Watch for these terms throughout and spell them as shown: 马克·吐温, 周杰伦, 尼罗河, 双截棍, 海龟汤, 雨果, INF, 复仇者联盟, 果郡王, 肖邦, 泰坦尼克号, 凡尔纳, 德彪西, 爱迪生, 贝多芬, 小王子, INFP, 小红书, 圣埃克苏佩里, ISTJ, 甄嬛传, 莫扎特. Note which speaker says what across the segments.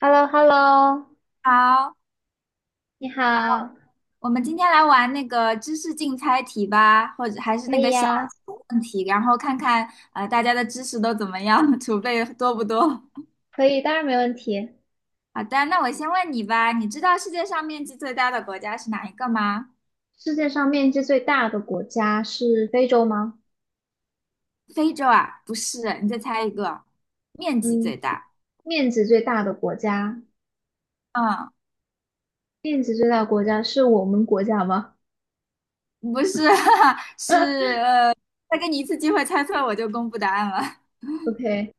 Speaker 1: h e l l o h e l l o
Speaker 2: 好，
Speaker 1: 你好，
Speaker 2: 我们今天来玩那个知识竞猜题吧，或者还是
Speaker 1: 可
Speaker 2: 那
Speaker 1: 以
Speaker 2: 个小
Speaker 1: 呀，
Speaker 2: 问题，然后看看大家的知识都怎么样，储备多不多。
Speaker 1: 可以，当然没问题。
Speaker 2: 好的，那我先问你吧，你知道世界上面积最大的国家是哪一个吗？
Speaker 1: 世界上面积最大的国家是非洲吗？
Speaker 2: 非洲啊？不是，你再猜一个，面积
Speaker 1: 嗯，
Speaker 2: 最大。
Speaker 1: 面积最大的国家，
Speaker 2: 嗯，
Speaker 1: 面积最大的国家是我们国家吗
Speaker 2: 不是，是再给你一次机会猜错我就公布答案了。
Speaker 1: ？OK，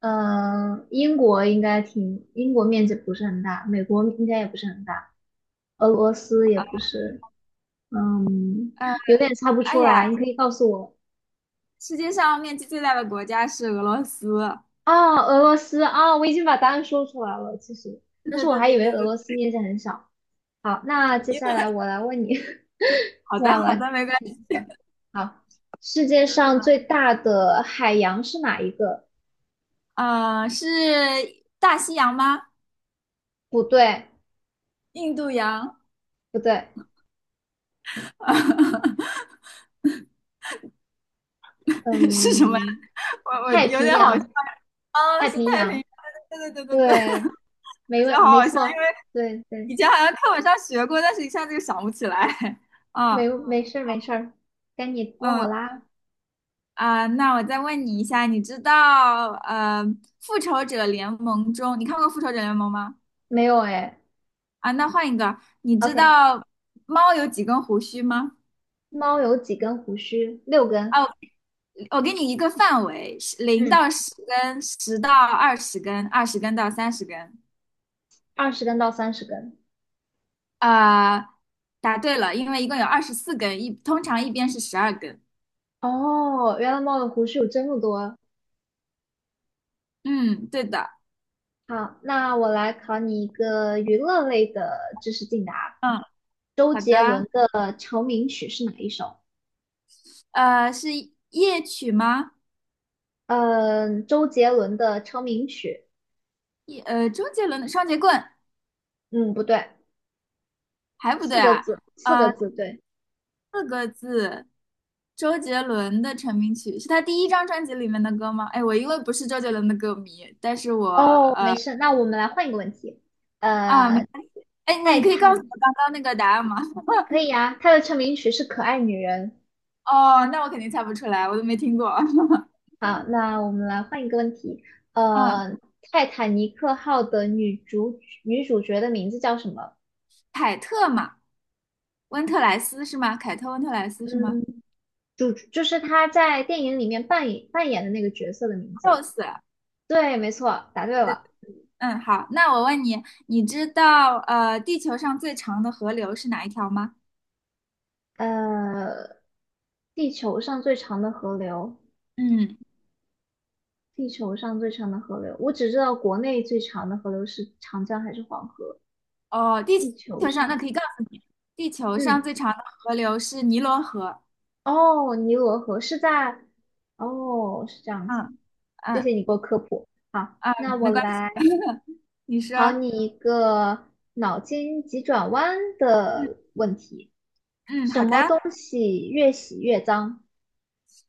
Speaker 1: 英国应该挺，英国面积不是很大，美国应该也不是很大，俄罗斯也不是，嗯，
Speaker 2: 呃，
Speaker 1: 有点猜不
Speaker 2: 哎
Speaker 1: 出
Speaker 2: 呀，
Speaker 1: 来，你可以告诉我。
Speaker 2: 世界上面积最大的国家是俄罗斯。
Speaker 1: 哦，俄罗斯，哦，我已经把答案说出来了，其实，
Speaker 2: 对
Speaker 1: 但
Speaker 2: 对
Speaker 1: 是我
Speaker 2: 对
Speaker 1: 还以为
Speaker 2: 对对
Speaker 1: 俄罗
Speaker 2: 对，
Speaker 1: 斯面积很小。好，那接下 来我来问你，接
Speaker 2: 好
Speaker 1: 下
Speaker 2: 的
Speaker 1: 来我来
Speaker 2: 好的，没关
Speaker 1: 问你
Speaker 2: 系。
Speaker 1: 一个。好，世界上最大的海洋是哪一个？
Speaker 2: 啊、是大西洋吗？
Speaker 1: 不对，
Speaker 2: 印度洋？
Speaker 1: 不对，
Speaker 2: 是什么？
Speaker 1: 嗯，
Speaker 2: 我
Speaker 1: 太
Speaker 2: 有
Speaker 1: 平
Speaker 2: 点好笑
Speaker 1: 洋，
Speaker 2: 哦，
Speaker 1: 太
Speaker 2: 是
Speaker 1: 平
Speaker 2: 太平
Speaker 1: 洋，
Speaker 2: 洋。对对对对对，
Speaker 1: 对，
Speaker 2: 我觉得好
Speaker 1: 没
Speaker 2: 好笑，
Speaker 1: 错，
Speaker 2: 因为
Speaker 1: 对对，
Speaker 2: 以前好像课本上学过，但是一下子就想不起来。嗯
Speaker 1: 没事儿没事儿，该你问我
Speaker 2: 嗯
Speaker 1: 啦。
Speaker 2: 啊、那我再问你一下，你知道《复仇者联盟》中，你看过《复仇者联盟》吗？
Speaker 1: 没有哎
Speaker 2: 啊，那换一个，你知
Speaker 1: ，OK，
Speaker 2: 道猫有几根胡须吗？
Speaker 1: 猫有几根胡须？6根，
Speaker 2: 啊。我给你一个范围，零
Speaker 1: 嗯，
Speaker 2: 到十根，十到二十根，二十根到30根。
Speaker 1: 20根到30根。
Speaker 2: 呃，答对了，因为一共有24根，通常一边是12根。
Speaker 1: 哦，原来猫的胡须有这么多。
Speaker 2: 嗯，对的。
Speaker 1: 好，那我来考你一个娱乐类的知识竞答。
Speaker 2: 嗯，
Speaker 1: 周
Speaker 2: 好
Speaker 1: 杰
Speaker 2: 的。
Speaker 1: 伦的成名曲是哪一首？
Speaker 2: 是夜曲吗？
Speaker 1: 嗯，周杰伦的成名曲，
Speaker 2: 周杰伦的《双截棍》
Speaker 1: 嗯，不对，
Speaker 2: 还不
Speaker 1: 四
Speaker 2: 对
Speaker 1: 个
Speaker 2: 啊。
Speaker 1: 字，四个
Speaker 2: 呃，
Speaker 1: 字，对。
Speaker 2: 四个字，周杰伦的成名曲是他第一张专辑里面的歌吗？哎，我因为不是周杰伦的歌迷，但是我。
Speaker 1: 哦，没事，那我们来换一个问题。
Speaker 2: 啊，没
Speaker 1: 呃，
Speaker 2: 关系。哎，
Speaker 1: 泰
Speaker 2: 你可以告诉
Speaker 1: 坦
Speaker 2: 我刚刚那个答案吗？
Speaker 1: 可以啊，他的成名曲是《可爱女人》。
Speaker 2: 哦，那我肯定猜不出来，我都没听过。
Speaker 1: 好，那我们来换一个问题。
Speaker 2: 嗯，
Speaker 1: 呃，泰坦尼克号的女主角的名字叫什么？
Speaker 2: 凯特嘛，温特莱斯是吗？凯特温特莱斯是吗
Speaker 1: 嗯。主就是他在电影里面扮演的那个角色的名字。
Speaker 2: ？Rose。
Speaker 1: 对，没错，答对了。
Speaker 2: 嗯，好，那我问你，你知道地球上最长的河流是哪一条吗？
Speaker 1: 呃，地球上最长的河流，
Speaker 2: 嗯，
Speaker 1: 地球上最长的河流，我只知道国内最长的河流是长江还是黄河。
Speaker 2: 哦，地
Speaker 1: 地球
Speaker 2: 球上那
Speaker 1: 上，
Speaker 2: 可以告诉你，地球
Speaker 1: 嗯，
Speaker 2: 上最长的河流是尼罗河。
Speaker 1: 哦，尼罗河是在，哦，是这样子。
Speaker 2: 嗯
Speaker 1: 谢
Speaker 2: 嗯
Speaker 1: 谢你给我科普。好，
Speaker 2: 啊，
Speaker 1: 那我
Speaker 2: 没关系，
Speaker 1: 来
Speaker 2: 你说。
Speaker 1: 考你一个脑筋急转弯
Speaker 2: 嗯
Speaker 1: 的问题：
Speaker 2: 嗯，好的。
Speaker 1: 越洗越脏。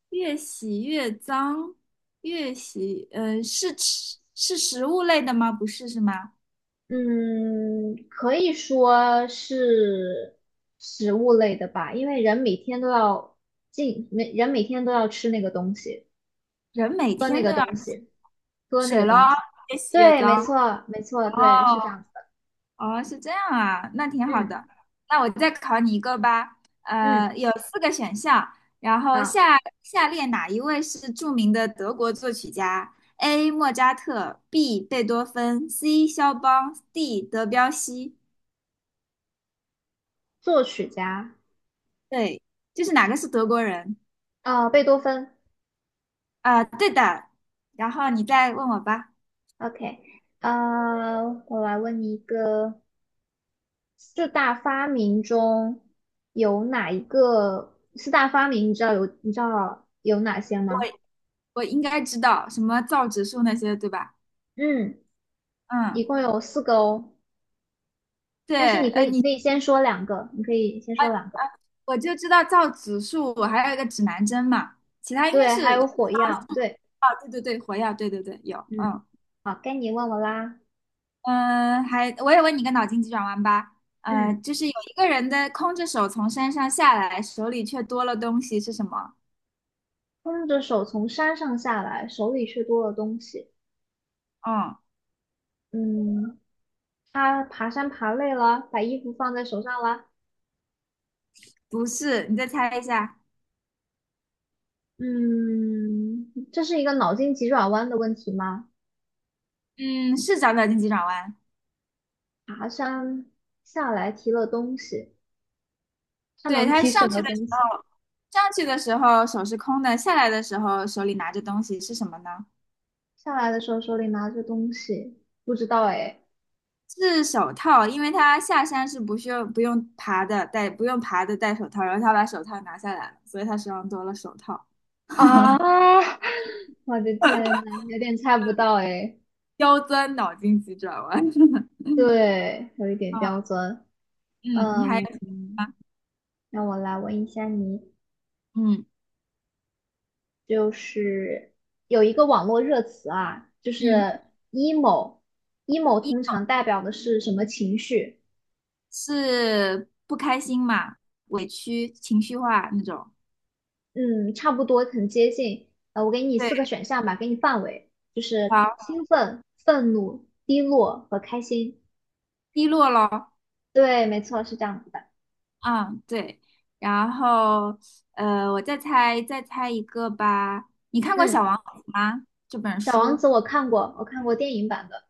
Speaker 2: 越洗越脏，越洗，是吃是食物类的吗？不是是吗？
Speaker 1: 嗯，可以说是食物类的吧，因为人每天都要进，每人每天都要吃那个东西，
Speaker 2: 人每
Speaker 1: 喝那
Speaker 2: 天
Speaker 1: 个
Speaker 2: 都要
Speaker 1: 东西，喝那
Speaker 2: 水
Speaker 1: 个
Speaker 2: 咯，
Speaker 1: 东西。
Speaker 2: 越洗越
Speaker 1: 对，没
Speaker 2: 脏。
Speaker 1: 错，没错，
Speaker 2: 哦
Speaker 1: 对，是这样子的。
Speaker 2: 哦，是这样啊，那挺好的。
Speaker 1: 嗯
Speaker 2: 那我再考你一个吧，
Speaker 1: 嗯，
Speaker 2: 有四个选项，然后
Speaker 1: 好，
Speaker 2: 下列哪一位是著名的德国作曲家？A. 莫扎特，B. 贝多芬，C. 肖邦，D. 德彪西。
Speaker 1: 作曲家，
Speaker 2: 对，就是哪个是德国人？
Speaker 1: 啊，贝多芬。
Speaker 2: 啊，对的。然后你再问我吧，
Speaker 1: OK，我来问你一个，四大发明中有哪一个？四大发明你知道有哪些
Speaker 2: 我
Speaker 1: 吗？
Speaker 2: 我应该知道什么造纸术那些，对吧？
Speaker 1: 嗯。一
Speaker 2: 嗯，
Speaker 1: 共有四个哦，
Speaker 2: 对，
Speaker 1: 但是你可以，你
Speaker 2: 你
Speaker 1: 可以先说两个，你可以先
Speaker 2: 啊，
Speaker 1: 说两个。
Speaker 2: 我就知道造指数，还有一个指南针嘛，其他应该
Speaker 1: 对，还
Speaker 2: 是
Speaker 1: 有火药。对，
Speaker 2: 啊，对对对，火药，对对对，有，
Speaker 1: 嗯，
Speaker 2: 嗯
Speaker 1: 好，该你问我啦。
Speaker 2: 嗯，还我也问你个脑筋急转弯吧，
Speaker 1: 嗯，
Speaker 2: 就是有一个人的空着手从山上下来，手里却多了东西是什么？
Speaker 1: 空着手从山上下来，手里却多了东西。
Speaker 2: 嗯，
Speaker 1: 嗯，他爬山爬累了，把衣服放在手上了。
Speaker 2: 不是，你再猜一下，
Speaker 1: 嗯，这是一个脑筋急转弯的问题吗？
Speaker 2: 嗯，是找脑筋急转弯。
Speaker 1: 爬山下来提了东西，他
Speaker 2: 对，
Speaker 1: 能
Speaker 2: 他
Speaker 1: 提什
Speaker 2: 上去
Speaker 1: 么
Speaker 2: 的时
Speaker 1: 东西？
Speaker 2: 候，上去的时候手是空的，下来的时候手里拿着东西是什么呢？
Speaker 1: 下来的时候手里拿着东西，不知道哎。
Speaker 2: 是手套，因为他下山是不需要不用爬的，戴不用爬的戴手套，然后他把手套拿下来了，所以他手上多了手套。
Speaker 1: 啊，我的天呐，有点猜不到哎，
Speaker 2: 刁钻脑筋急转弯，嗯
Speaker 1: 对，有一点
Speaker 2: 啊，
Speaker 1: 刁钻。
Speaker 2: 嗯，你还有
Speaker 1: 嗯，
Speaker 2: 吗？
Speaker 1: 让我来问一下你，
Speaker 2: 嗯
Speaker 1: 就是有一个网络热词啊，就
Speaker 2: 嗯，
Speaker 1: 是 emo，emo
Speaker 2: 一
Speaker 1: 通常代表的是什么情绪？
Speaker 2: 是不开心嘛，委屈、情绪化那种。
Speaker 1: 嗯，差不多很接近。我给你
Speaker 2: 对，
Speaker 1: 四个选项吧，给你范围，就是
Speaker 2: 好，
Speaker 1: 兴奋、愤怒、低落和开心。
Speaker 2: 低落咯，
Speaker 1: 对，没错，是这样子的。
Speaker 2: 嗯，对，然后我再猜一个吧。你看过《小
Speaker 1: 嗯，
Speaker 2: 王子》吗？这本
Speaker 1: 《小王子》
Speaker 2: 书？
Speaker 1: 我看过电影版的。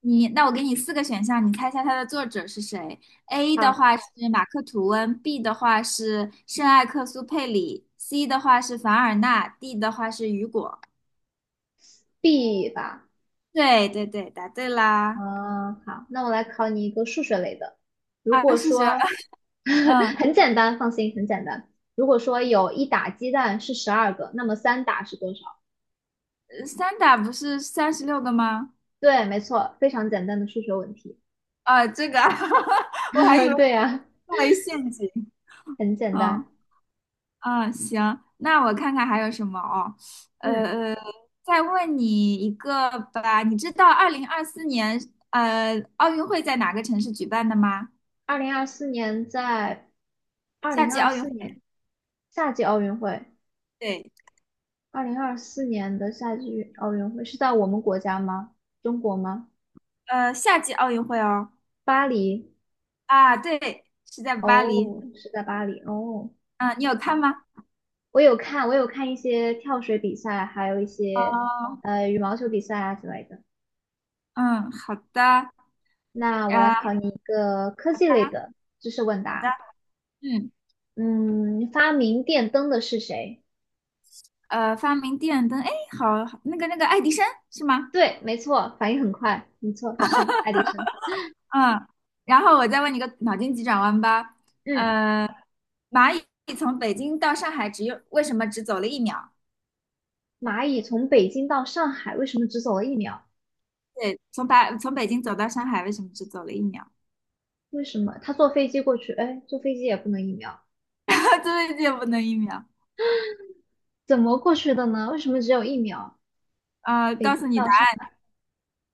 Speaker 2: 那我给你四个选项，你猜一下它的作者是谁？A 的
Speaker 1: 好
Speaker 2: 话是马克·吐温，B 的话是圣埃克苏佩里，C 的话是凡尔纳，D 的话是雨果。
Speaker 1: ，B 吧。
Speaker 2: 对对对，答对啦！
Speaker 1: 嗯，好，那我来考你一个数学类的。如
Speaker 2: 啊，
Speaker 1: 果
Speaker 2: 数学，
Speaker 1: 说
Speaker 2: 嗯，
Speaker 1: 很简单，放心，很简单。如果说有1打鸡蛋是12个，那么3打是多少？
Speaker 2: 三打不是36个吗？
Speaker 1: 对，没错，非常简单的数学问题。
Speaker 2: 啊，这个啊，我还以为
Speaker 1: 对呀，
Speaker 2: 我中了一陷阱。
Speaker 1: 很简
Speaker 2: 嗯。
Speaker 1: 单。
Speaker 2: 嗯，行，那我看看还有什么哦，
Speaker 1: 嗯，
Speaker 2: 呃，再问你一个吧，你知道2024年奥运会在哪个城市举办的吗？
Speaker 1: 二零二四年在二
Speaker 2: 夏
Speaker 1: 零
Speaker 2: 季
Speaker 1: 二
Speaker 2: 奥运
Speaker 1: 四
Speaker 2: 会，
Speaker 1: 年夏季奥运会，
Speaker 2: 对，
Speaker 1: 二零二四年的夏季奥运会是在我们国家吗？中国吗？
Speaker 2: 夏季奥运会哦，
Speaker 1: 巴黎。
Speaker 2: 啊，对，是在巴黎，
Speaker 1: 哦，是在巴黎。哦，
Speaker 2: 嗯，你有看吗？
Speaker 1: 我有看一些跳水比赛，还有一些
Speaker 2: 哦，
Speaker 1: 羽毛球比赛啊之类的。
Speaker 2: 嗯，好的，
Speaker 1: 那我来
Speaker 2: 啊，
Speaker 1: 考你一个科
Speaker 2: 好
Speaker 1: 技类
Speaker 2: 的，
Speaker 1: 的知识问
Speaker 2: 好的，
Speaker 1: 答。
Speaker 2: 嗯，
Speaker 1: 嗯，发明电灯的是谁？
Speaker 2: 发明电灯，哎，好好那个爱迪生是吗？
Speaker 1: 对，没错，反应很快，没错，是爱迪生。
Speaker 2: 嗯，然后我再问你个脑筋急转弯吧。
Speaker 1: 嗯，
Speaker 2: 蚂蚁从北京到上海为什么只走了一秒？
Speaker 1: 蚂蚁从北京到上海为什么只走了一秒？
Speaker 2: 对，从北京走到上海为什么只走了一秒？
Speaker 1: 为什么？它坐飞机过去，哎，坐飞机也不能一秒，
Speaker 2: 对的不能一秒。
Speaker 1: 怎么过去的呢？为什么只有一秒？
Speaker 2: 啊！
Speaker 1: 北
Speaker 2: 告
Speaker 1: 京
Speaker 2: 诉你
Speaker 1: 到
Speaker 2: 答
Speaker 1: 上
Speaker 2: 案，
Speaker 1: 海。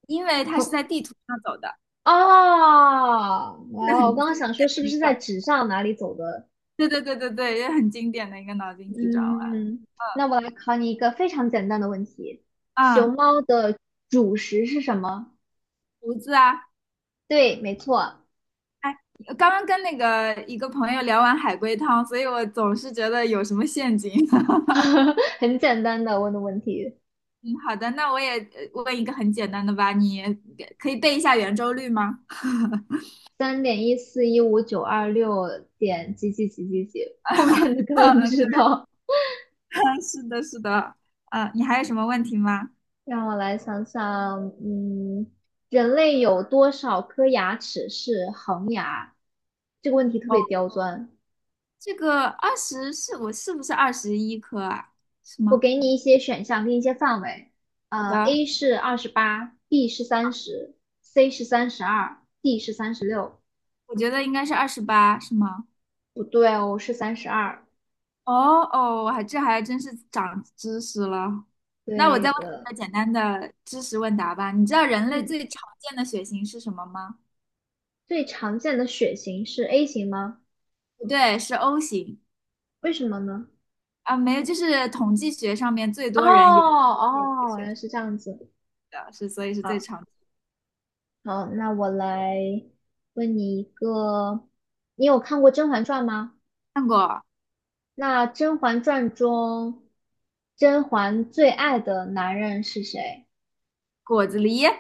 Speaker 2: 因为它是在地图上走的，
Speaker 1: 哦哇哦！
Speaker 2: 这是很
Speaker 1: 我刚刚
Speaker 2: 经
Speaker 1: 想说
Speaker 2: 典
Speaker 1: 是不
Speaker 2: 的一
Speaker 1: 是在
Speaker 2: 个，
Speaker 1: 纸上哪里走的？
Speaker 2: 对对对对对，也很经典的一个脑筋急转弯。
Speaker 1: 嗯，那我来考你一个非常简单的问题：熊
Speaker 2: 啊，
Speaker 1: 猫的主食是什么？
Speaker 2: 胡子啊，
Speaker 1: 对，没错，
Speaker 2: 哎，刚刚跟那个一个朋友聊完海龟汤，所以我总是觉得有什么陷阱。
Speaker 1: 很简单的问题，
Speaker 2: 嗯，好的，那我也问一个很简单的吧，你可以背一下圆周率吗？
Speaker 1: 3.1415926点几几几几几，后面的根本不知
Speaker 2: 对。
Speaker 1: 道。
Speaker 2: 啊，是的，是的，你还有什么问题吗？
Speaker 1: 让我来想想，嗯，人类有多少颗牙齿是恒牙？这个问题特
Speaker 2: 哦，
Speaker 1: 别刁钻。
Speaker 2: 这个二十是我是不是21颗啊？是
Speaker 1: 我
Speaker 2: 吗？
Speaker 1: 给你一些选项跟一些范围，
Speaker 2: 好的，
Speaker 1: A 是28，B 是三十，C 是三十二，D 是36。
Speaker 2: 我觉得应该是28，是吗？
Speaker 1: 不对哦，是三十二。
Speaker 2: 哦哦，我还真是长知识了。那我
Speaker 1: 对
Speaker 2: 再问一
Speaker 1: 的，
Speaker 2: 个简单的知识问答吧。你知道人类
Speaker 1: 嗯，
Speaker 2: 最常见的血型是什么吗？
Speaker 1: 最常见的血型是 A 型吗？
Speaker 2: 不对，是 O 型
Speaker 1: 为什么呢？
Speaker 2: 啊，没有，就是统计学上面最
Speaker 1: 哦
Speaker 2: 多人有
Speaker 1: 哦，原来是这样子。
Speaker 2: 的是，所以是最
Speaker 1: 好，
Speaker 2: 常见。
Speaker 1: 好，那我来问你一个，你有看过《甄嬛传》吗？
Speaker 2: 看过
Speaker 1: 那《甄嬛传》中，甄嬛最爱的男人是谁？
Speaker 2: 果子狸。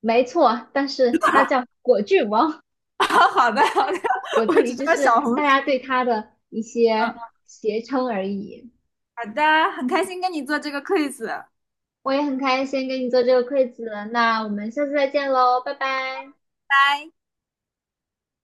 Speaker 1: 没错，但是它叫果郡王，
Speaker 2: 好好的好的，
Speaker 1: 果
Speaker 2: 我
Speaker 1: 子
Speaker 2: 只
Speaker 1: 狸
Speaker 2: 知
Speaker 1: 只
Speaker 2: 道小
Speaker 1: 是
Speaker 2: 红
Speaker 1: 大
Speaker 2: 书。
Speaker 1: 家对它的一些
Speaker 2: 嗯，
Speaker 1: 谐称而已。
Speaker 2: 好的，很开心跟你做这个 quiz，
Speaker 1: 我也很开心跟你做这个 q u 那我们下次再见喽，拜拜。
Speaker 2: 拜。